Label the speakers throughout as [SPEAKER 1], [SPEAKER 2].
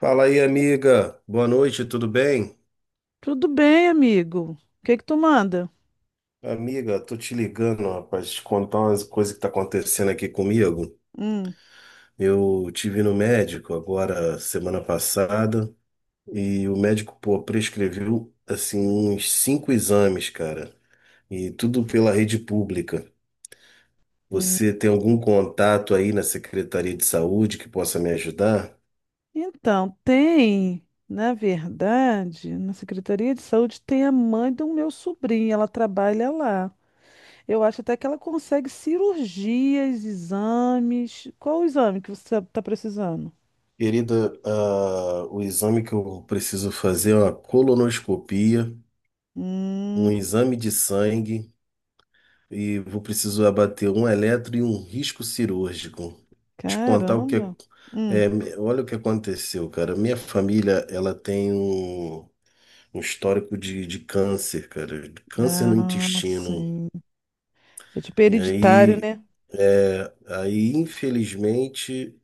[SPEAKER 1] Fala aí, amiga. Boa noite, tudo bem?
[SPEAKER 2] Tudo bem, amigo. O que que tu manda?
[SPEAKER 1] Amiga, tô te ligando, rapaz, te contar umas coisas que tá acontecendo aqui comigo.
[SPEAKER 2] Hum,
[SPEAKER 1] Eu tive no médico agora semana passada e o médico, pô, prescreveu assim uns cinco exames, cara, e tudo pela rede pública.
[SPEAKER 2] hum.
[SPEAKER 1] Você tem algum contato aí na Secretaria de Saúde que possa me ajudar?
[SPEAKER 2] Então, tem, na verdade, na Secretaria de Saúde tem a mãe do meu sobrinho, ela trabalha lá. Eu acho até que ela consegue cirurgias, exames. Qual o exame que você está precisando?
[SPEAKER 1] Querida, ah, o exame que eu preciso fazer é uma colonoscopia,
[SPEAKER 2] Hum,
[SPEAKER 1] um exame de sangue. E vou precisar abater um eletro e um risco cirúrgico. Te contar o que é,
[SPEAKER 2] caramba. Hum,
[SPEAKER 1] é, me- olha o que aconteceu, cara. Minha família, ela tem um histórico de câncer, cara, de câncer no
[SPEAKER 2] ah,
[SPEAKER 1] intestino.
[SPEAKER 2] sim. É tipo
[SPEAKER 1] E
[SPEAKER 2] hereditário,
[SPEAKER 1] aí,
[SPEAKER 2] né?
[SPEAKER 1] é, aí, infelizmente,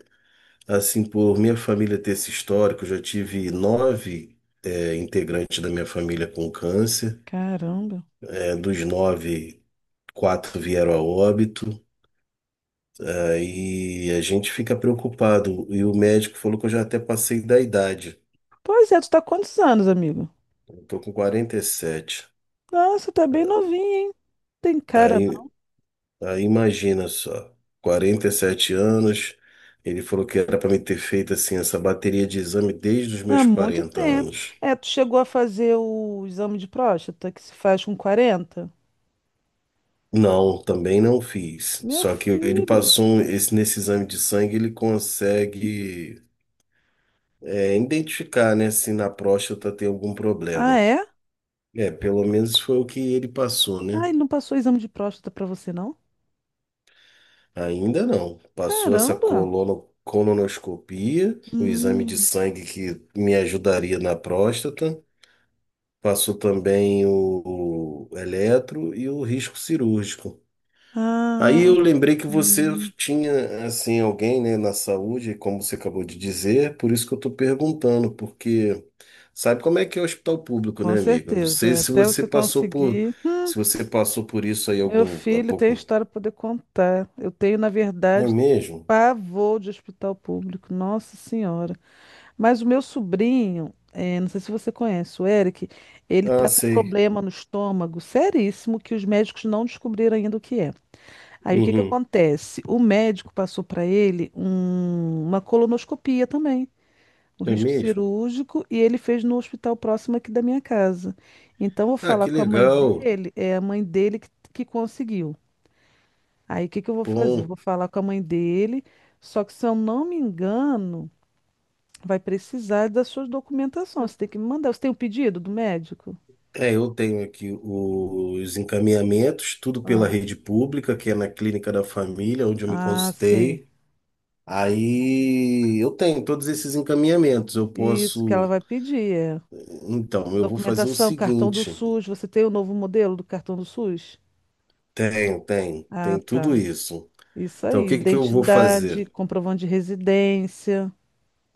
[SPEAKER 1] assim, por minha família ter esse histórico, eu já tive nove, integrantes da minha família com câncer.
[SPEAKER 2] Caramba.
[SPEAKER 1] É, dos nove, quatro vieram a óbito. Aí a gente fica preocupado. E o médico falou que eu já até passei da idade.
[SPEAKER 2] Pois é, tu tá há quantos anos, amigo?
[SPEAKER 1] Eu tô com 47.
[SPEAKER 2] Nossa, tá bem novinho, hein? Tem cara.
[SPEAKER 1] Aí, aí, imagina só, 47 anos. Ele falou que era para me ter feito assim essa bateria de exame desde os
[SPEAKER 2] Há
[SPEAKER 1] meus
[SPEAKER 2] muito
[SPEAKER 1] 40
[SPEAKER 2] tempo.
[SPEAKER 1] anos.
[SPEAKER 2] É, tu chegou a fazer o exame de próstata que se faz com 40?
[SPEAKER 1] Não, também não fiz.
[SPEAKER 2] Meu
[SPEAKER 1] Só que ele
[SPEAKER 2] filho.
[SPEAKER 1] passou esse nesse exame de sangue, ele consegue, identificar, né, se na próstata tem algum
[SPEAKER 2] Ah,
[SPEAKER 1] problema.
[SPEAKER 2] é?
[SPEAKER 1] É, pelo menos foi o que ele passou, né?
[SPEAKER 2] Ah, ele não passou o exame de próstata pra você, não?
[SPEAKER 1] Ainda não. Passou essa
[SPEAKER 2] Caramba!
[SPEAKER 1] colonoscopia, o exame de
[SPEAKER 2] Hum.
[SPEAKER 1] sangue que me ajudaria na próstata. Passou também o eletro e o risco cirúrgico. Aí
[SPEAKER 2] Ah,
[SPEAKER 1] eu lembrei que você
[SPEAKER 2] hum.
[SPEAKER 1] tinha, assim, alguém, né, na saúde, como você acabou de dizer, por isso que eu estou perguntando, porque sabe como é que é o hospital público,
[SPEAKER 2] Com
[SPEAKER 1] né, amigo? Eu não
[SPEAKER 2] certeza.
[SPEAKER 1] sei
[SPEAKER 2] É,
[SPEAKER 1] se
[SPEAKER 2] até
[SPEAKER 1] você
[SPEAKER 2] você
[SPEAKER 1] passou por,
[SPEAKER 2] conseguir.
[SPEAKER 1] se você passou por isso aí
[SPEAKER 2] Meu
[SPEAKER 1] algum, há
[SPEAKER 2] filho tem
[SPEAKER 1] pouco,
[SPEAKER 2] história para poder contar. Eu tenho, na
[SPEAKER 1] não é
[SPEAKER 2] verdade,
[SPEAKER 1] mesmo?
[SPEAKER 2] pavor de hospital público. Nossa Senhora. Mas o meu sobrinho, não sei se você conhece, o Eric, ele
[SPEAKER 1] Ah,
[SPEAKER 2] tá com um
[SPEAKER 1] sei.
[SPEAKER 2] problema no estômago seríssimo que os médicos não descobriram ainda o que é. Aí o que que
[SPEAKER 1] Uhum.
[SPEAKER 2] acontece? O médico passou para ele uma colonoscopia também, o
[SPEAKER 1] É
[SPEAKER 2] risco
[SPEAKER 1] mesmo?
[SPEAKER 2] cirúrgico, e ele fez no hospital próximo aqui da minha casa. Então eu vou
[SPEAKER 1] Ah,
[SPEAKER 2] falar
[SPEAKER 1] que
[SPEAKER 2] com a mãe
[SPEAKER 1] legal.
[SPEAKER 2] dele, é a mãe dele que conseguiu. Aí o que que eu vou fazer?
[SPEAKER 1] Bom,
[SPEAKER 2] Vou falar com a mãe dele, só que se eu não me engano. Vai precisar das suas documentações. Você tem que me mandar. Você tem o pedido do médico?
[SPEAKER 1] eu tenho aqui os encaminhamentos, tudo
[SPEAKER 2] Ah,
[SPEAKER 1] pela rede pública, que é na clínica da família, onde eu me
[SPEAKER 2] ah, sim.
[SPEAKER 1] consultei. Aí eu tenho todos esses encaminhamentos. Eu
[SPEAKER 2] Isso que ela
[SPEAKER 1] posso.
[SPEAKER 2] vai pedir. É.
[SPEAKER 1] Então, eu vou fazer o
[SPEAKER 2] Documentação, cartão do
[SPEAKER 1] seguinte:
[SPEAKER 2] SUS. Você tem o novo modelo do cartão do SUS?
[SPEAKER 1] tenho,
[SPEAKER 2] Ah,
[SPEAKER 1] tem tudo
[SPEAKER 2] tá.
[SPEAKER 1] isso.
[SPEAKER 2] Isso
[SPEAKER 1] Então, o
[SPEAKER 2] aí.
[SPEAKER 1] que que eu vou
[SPEAKER 2] Identidade,
[SPEAKER 1] fazer?
[SPEAKER 2] comprovante de residência.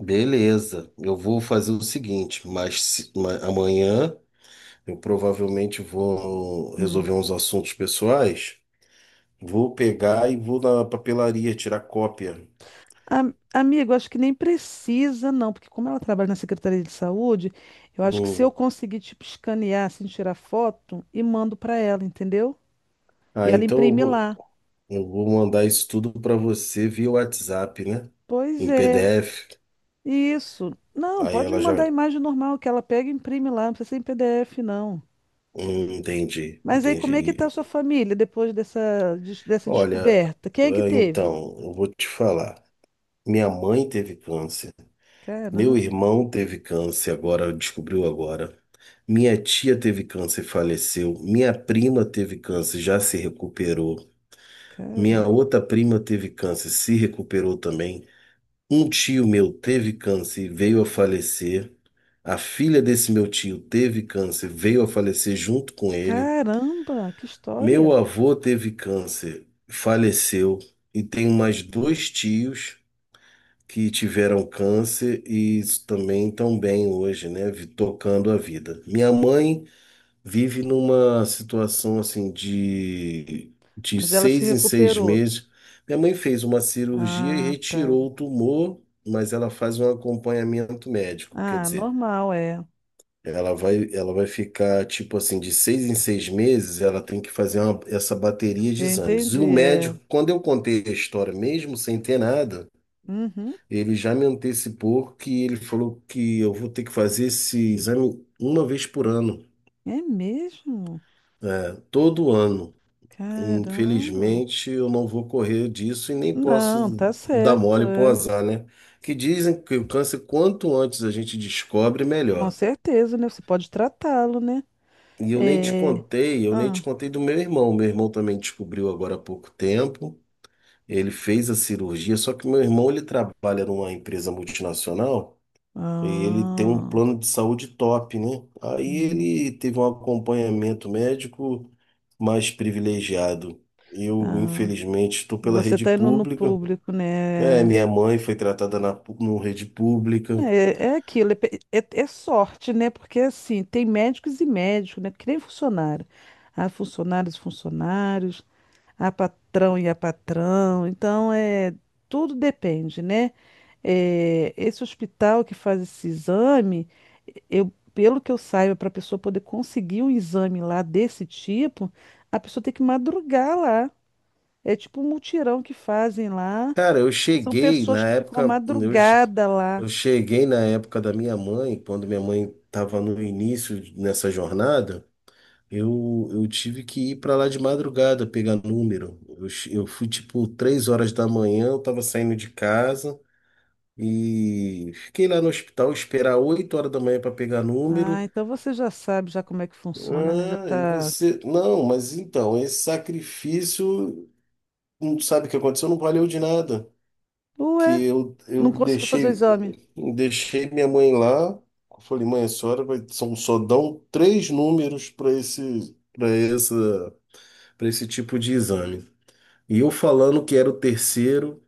[SPEAKER 1] Beleza, eu vou fazer o seguinte, mas amanhã eu provavelmente vou
[SPEAKER 2] Hum.
[SPEAKER 1] resolver uns assuntos pessoais. Vou pegar e vou na papelaria tirar cópia.
[SPEAKER 2] Amigo, acho que nem precisa, não, porque como ela trabalha na Secretaria de Saúde, eu acho que se eu
[SPEAKER 1] Hum.
[SPEAKER 2] conseguir, tipo, escanear, assim, tirar foto e mando para ela, entendeu? E
[SPEAKER 1] Ah,
[SPEAKER 2] ela
[SPEAKER 1] então eu
[SPEAKER 2] imprime
[SPEAKER 1] vou,
[SPEAKER 2] lá.
[SPEAKER 1] eu vou mandar isso tudo para você via WhatsApp, né?
[SPEAKER 2] Pois
[SPEAKER 1] Em
[SPEAKER 2] é.
[SPEAKER 1] PDF.
[SPEAKER 2] Isso. Não,
[SPEAKER 1] Aí
[SPEAKER 2] pode me
[SPEAKER 1] ela
[SPEAKER 2] mandar
[SPEAKER 1] já.
[SPEAKER 2] a imagem normal que ela pega e imprime lá, não precisa ser em PDF, não.
[SPEAKER 1] Entendi,
[SPEAKER 2] Mas aí, como é que tá
[SPEAKER 1] entendi.
[SPEAKER 2] a sua família depois dessa
[SPEAKER 1] Olha,
[SPEAKER 2] descoberta? Quem é que teve?
[SPEAKER 1] então, eu vou te falar. Minha mãe teve câncer. Meu
[SPEAKER 2] Caramba,
[SPEAKER 1] irmão teve câncer agora, descobriu agora. Minha tia teve câncer e faleceu. Minha prima teve câncer, já se recuperou.
[SPEAKER 2] caramba,
[SPEAKER 1] Minha outra prima teve câncer, se recuperou também. Um tio meu teve câncer e veio a falecer. A filha desse meu tio teve câncer, veio a falecer junto com ele.
[SPEAKER 2] caramba, que
[SPEAKER 1] Meu
[SPEAKER 2] história!
[SPEAKER 1] avô teve câncer, faleceu. E tenho mais dois tios que tiveram câncer e também estão bem hoje, né? Tocando a vida. Minha mãe vive numa situação assim de
[SPEAKER 2] Mas ela se
[SPEAKER 1] seis em seis
[SPEAKER 2] recuperou.
[SPEAKER 1] meses. Minha mãe fez uma cirurgia e
[SPEAKER 2] Ah, tá.
[SPEAKER 1] retirou o tumor, mas ela faz um acompanhamento médico, quer
[SPEAKER 2] Ah,
[SPEAKER 1] dizer,
[SPEAKER 2] normal, é.
[SPEAKER 1] ela vai ficar tipo assim, de seis em seis meses, ela tem que fazer essa bateria de
[SPEAKER 2] Eu
[SPEAKER 1] exames. E
[SPEAKER 2] entendi,
[SPEAKER 1] o
[SPEAKER 2] é.
[SPEAKER 1] médico, quando eu contei a história, mesmo sem ter nada,
[SPEAKER 2] Uhum.
[SPEAKER 1] ele já me antecipou que ele falou que eu vou ter que fazer esse exame uma vez por ano,
[SPEAKER 2] É mesmo?
[SPEAKER 1] todo ano.
[SPEAKER 2] Caramba.
[SPEAKER 1] Infelizmente, eu não vou correr disso e nem
[SPEAKER 2] Não,
[SPEAKER 1] posso
[SPEAKER 2] tá
[SPEAKER 1] dar
[SPEAKER 2] certo,
[SPEAKER 1] mole pro
[SPEAKER 2] é.
[SPEAKER 1] azar, né? Que dizem que o câncer, quanto antes a gente descobre,
[SPEAKER 2] Com
[SPEAKER 1] melhor.
[SPEAKER 2] certeza, né? Você pode tratá-lo, né?
[SPEAKER 1] E eu nem te
[SPEAKER 2] É.
[SPEAKER 1] contei, eu nem te
[SPEAKER 2] Ah.
[SPEAKER 1] contei do meu irmão. Meu irmão também descobriu agora há pouco tempo. Ele fez a cirurgia, só que meu irmão, ele trabalha numa empresa multinacional. Ele tem um
[SPEAKER 2] Ah,
[SPEAKER 1] plano de saúde top, né? Aí
[SPEAKER 2] hum,
[SPEAKER 1] ele teve um acompanhamento médico mais privilegiado. Eu,
[SPEAKER 2] ah.
[SPEAKER 1] infelizmente, estou pela
[SPEAKER 2] Você
[SPEAKER 1] rede
[SPEAKER 2] tá indo no
[SPEAKER 1] pública.
[SPEAKER 2] público, né?
[SPEAKER 1] É, minha mãe foi tratada na no rede pública.
[SPEAKER 2] É, é aquilo, é, é sorte, né? Porque assim, tem médicos e médicos, né? Que nem funcionário. Há funcionários e funcionários, há patrão e há patrão. Então, é, tudo depende, né? É, esse hospital que faz esse exame, eu, pelo que eu saiba, para a pessoa poder conseguir um exame lá desse tipo, a pessoa tem que madrugar lá. É tipo um mutirão que fazem lá.
[SPEAKER 1] Cara,
[SPEAKER 2] E são pessoas que ficam a madrugada lá.
[SPEAKER 1] eu cheguei na época da minha mãe, quando minha mãe estava no início nessa jornada. Eu tive que ir para lá de madrugada pegar número. Eu fui tipo 3 horas da manhã, eu tava saindo de casa e fiquei lá no hospital esperar 8 horas da manhã para pegar
[SPEAKER 2] Ah,
[SPEAKER 1] número.
[SPEAKER 2] então você já sabe já como é que funciona, né? Já
[SPEAKER 1] Ah, e
[SPEAKER 2] tá.
[SPEAKER 1] você. Não, mas então, esse sacrifício, não sabe o que aconteceu? Não valeu de nada.
[SPEAKER 2] Ué,
[SPEAKER 1] Que eu,
[SPEAKER 2] não
[SPEAKER 1] eu
[SPEAKER 2] conseguiu fazer o
[SPEAKER 1] deixei,
[SPEAKER 2] exame.
[SPEAKER 1] deixei minha mãe lá. Falei, mãe, a senhora vai, são, só dão três números para esse, para esse tipo de exame. E eu falando que era o terceiro,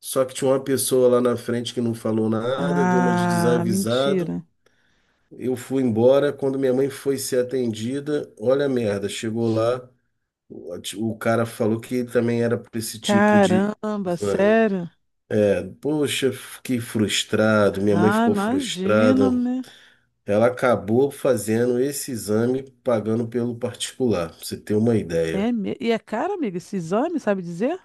[SPEAKER 1] só que tinha uma pessoa lá na frente que não falou nada, deu uma de
[SPEAKER 2] Ah,
[SPEAKER 1] desavisado.
[SPEAKER 2] mentira.
[SPEAKER 1] Eu fui embora. Quando minha mãe foi ser atendida, olha a merda, chegou lá, o o cara falou que também era para esse tipo de
[SPEAKER 2] Caramba,
[SPEAKER 1] exame.
[SPEAKER 2] sério?
[SPEAKER 1] É, poxa, fiquei frustrado, minha mãe
[SPEAKER 2] Ah,
[SPEAKER 1] ficou
[SPEAKER 2] imagino,
[SPEAKER 1] frustrada.
[SPEAKER 2] né?
[SPEAKER 1] Ela acabou fazendo esse exame pagando pelo particular, pra você ter uma
[SPEAKER 2] É
[SPEAKER 1] ideia.
[SPEAKER 2] me... E é caro, amiga, esse exame, sabe dizer?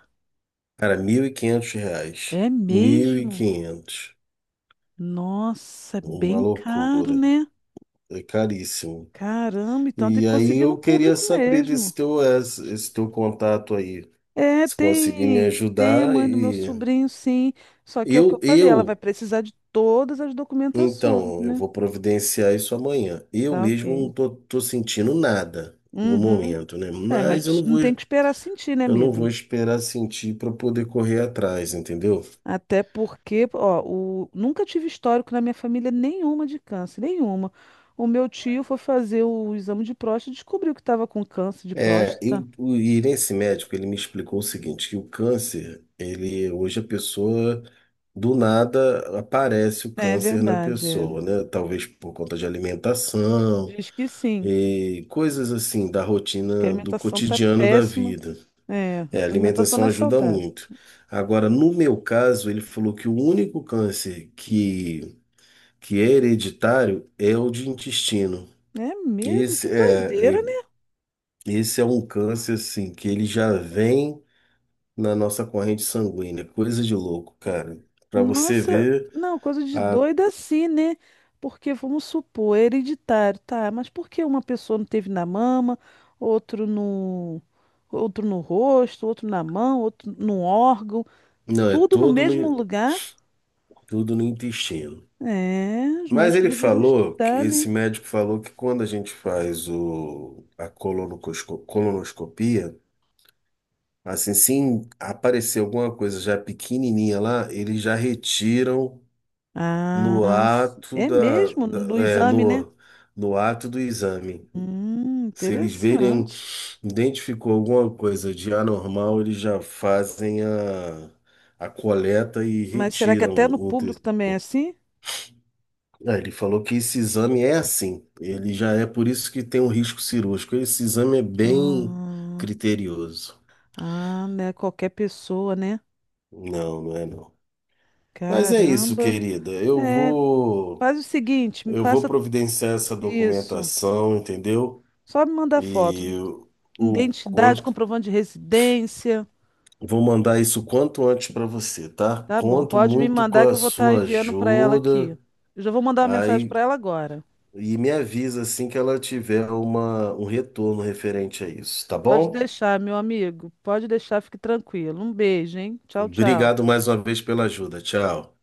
[SPEAKER 1] Cara, R$ 1.500.
[SPEAKER 2] É
[SPEAKER 1] mil e
[SPEAKER 2] mesmo?
[SPEAKER 1] quinhentos
[SPEAKER 2] Nossa, é
[SPEAKER 1] Uma
[SPEAKER 2] bem caro,
[SPEAKER 1] loucura,
[SPEAKER 2] né?
[SPEAKER 1] é caríssimo.
[SPEAKER 2] Caramba, então tem
[SPEAKER 1] E
[SPEAKER 2] que
[SPEAKER 1] aí
[SPEAKER 2] conseguir no
[SPEAKER 1] eu queria
[SPEAKER 2] público
[SPEAKER 1] saber desse
[SPEAKER 2] mesmo.
[SPEAKER 1] teu, esse teu contato aí,
[SPEAKER 2] É,
[SPEAKER 1] se conseguir me
[SPEAKER 2] tem, tem a
[SPEAKER 1] ajudar
[SPEAKER 2] mãe do meu
[SPEAKER 1] e
[SPEAKER 2] sobrinho, sim. Só que é o que eu
[SPEAKER 1] eu,
[SPEAKER 2] falei, ela vai
[SPEAKER 1] eu,
[SPEAKER 2] precisar de todas as documentações,
[SPEAKER 1] então, eu
[SPEAKER 2] né?
[SPEAKER 1] vou providenciar isso amanhã. Eu
[SPEAKER 2] Tá, ok.
[SPEAKER 1] mesmo não tô sentindo nada no
[SPEAKER 2] Uhum.
[SPEAKER 1] momento, né?
[SPEAKER 2] É, mas
[SPEAKER 1] Mas eu não
[SPEAKER 2] não
[SPEAKER 1] vou,
[SPEAKER 2] tem que esperar sentir, né,
[SPEAKER 1] eu não vou
[SPEAKER 2] amigo?
[SPEAKER 1] esperar sentir para poder correr atrás, entendeu?
[SPEAKER 2] Até porque, ó, o... nunca tive histórico na minha família nenhuma de câncer, nenhuma. O meu tio foi fazer o exame de próstata e descobriu que estava com câncer de
[SPEAKER 1] É,
[SPEAKER 2] próstata.
[SPEAKER 1] e nesse médico, ele me explicou o seguinte, que o câncer, ele, hoje a pessoa, do nada, aparece o
[SPEAKER 2] É
[SPEAKER 1] câncer na
[SPEAKER 2] verdade, é.
[SPEAKER 1] pessoa, né? Talvez por conta de alimentação
[SPEAKER 2] Diz que sim.
[SPEAKER 1] e coisas assim da
[SPEAKER 2] Diz que a
[SPEAKER 1] rotina, do
[SPEAKER 2] alimentação tá
[SPEAKER 1] cotidiano da
[SPEAKER 2] péssima.
[SPEAKER 1] vida.
[SPEAKER 2] É, a
[SPEAKER 1] É, a
[SPEAKER 2] alimentação
[SPEAKER 1] alimentação
[SPEAKER 2] não é
[SPEAKER 1] ajuda
[SPEAKER 2] saudável.
[SPEAKER 1] muito. Agora, no meu caso, ele falou que o único câncer que é hereditário é o de intestino.
[SPEAKER 2] É mesmo? Que
[SPEAKER 1] Esse é,
[SPEAKER 2] doideira,
[SPEAKER 1] é-
[SPEAKER 2] né?
[SPEAKER 1] esse é um câncer assim que ele já vem na nossa corrente sanguínea. Coisa de louco, cara. Pra você
[SPEAKER 2] Nossa,
[SPEAKER 1] ver,
[SPEAKER 2] não, coisa de
[SPEAKER 1] a...
[SPEAKER 2] doida assim, né? Porque vamos supor, é hereditário, tá? Mas por que uma pessoa não teve na mama, outro no, outro no rosto, outro na mão, outro no órgão,
[SPEAKER 1] não, é
[SPEAKER 2] tudo no
[SPEAKER 1] todo no,
[SPEAKER 2] mesmo lugar?
[SPEAKER 1] tudo no intestino.
[SPEAKER 2] É, os
[SPEAKER 1] Mas
[SPEAKER 2] médicos
[SPEAKER 1] ele
[SPEAKER 2] deveriam
[SPEAKER 1] falou,
[SPEAKER 2] estudar, né?
[SPEAKER 1] esse médico falou que quando a gente faz a colonoscopia, assim, se aparecer alguma coisa já pequenininha lá, eles já retiram
[SPEAKER 2] Ah,
[SPEAKER 1] no ato
[SPEAKER 2] é mesmo do
[SPEAKER 1] é,
[SPEAKER 2] exame, né?
[SPEAKER 1] no, no ato do exame. Se eles verem
[SPEAKER 2] Interessante.
[SPEAKER 1] Identificou alguma coisa de anormal, eles já fazem a coleta e
[SPEAKER 2] Mas será que
[SPEAKER 1] retiram
[SPEAKER 2] até no
[SPEAKER 1] o.
[SPEAKER 2] público
[SPEAKER 1] te-
[SPEAKER 2] também é assim?
[SPEAKER 1] Ah, ele falou que esse exame é assim, ele já é por isso que tem um risco cirúrgico. Esse exame é bem
[SPEAKER 2] Ah.
[SPEAKER 1] criterioso.
[SPEAKER 2] Ah, né? Qualquer pessoa, né?
[SPEAKER 1] Não, não é não. Mas é isso,
[SPEAKER 2] Caramba.
[SPEAKER 1] querida. Eu
[SPEAKER 2] É,
[SPEAKER 1] vou
[SPEAKER 2] faz o seguinte, me
[SPEAKER 1] eu vou
[SPEAKER 2] passa
[SPEAKER 1] providenciar essa
[SPEAKER 2] isso.
[SPEAKER 1] documentação, entendeu?
[SPEAKER 2] Só me mandar foto.
[SPEAKER 1] E o
[SPEAKER 2] Identidade,
[SPEAKER 1] quanto
[SPEAKER 2] comprovante de residência.
[SPEAKER 1] Vou mandar isso quanto antes para você, tá?
[SPEAKER 2] Tá bom,
[SPEAKER 1] Conto
[SPEAKER 2] pode me
[SPEAKER 1] muito com
[SPEAKER 2] mandar que
[SPEAKER 1] a
[SPEAKER 2] eu vou estar
[SPEAKER 1] sua
[SPEAKER 2] enviando para ela aqui.
[SPEAKER 1] ajuda.
[SPEAKER 2] Eu já vou mandar uma mensagem
[SPEAKER 1] Aí
[SPEAKER 2] para ela agora.
[SPEAKER 1] e me avisa assim que ela tiver um retorno referente a isso, tá
[SPEAKER 2] Pode
[SPEAKER 1] bom?
[SPEAKER 2] deixar, meu amigo. Pode deixar, fique tranquilo. Um beijo, hein? Tchau, tchau.
[SPEAKER 1] Obrigado mais uma vez pela ajuda. Tchau.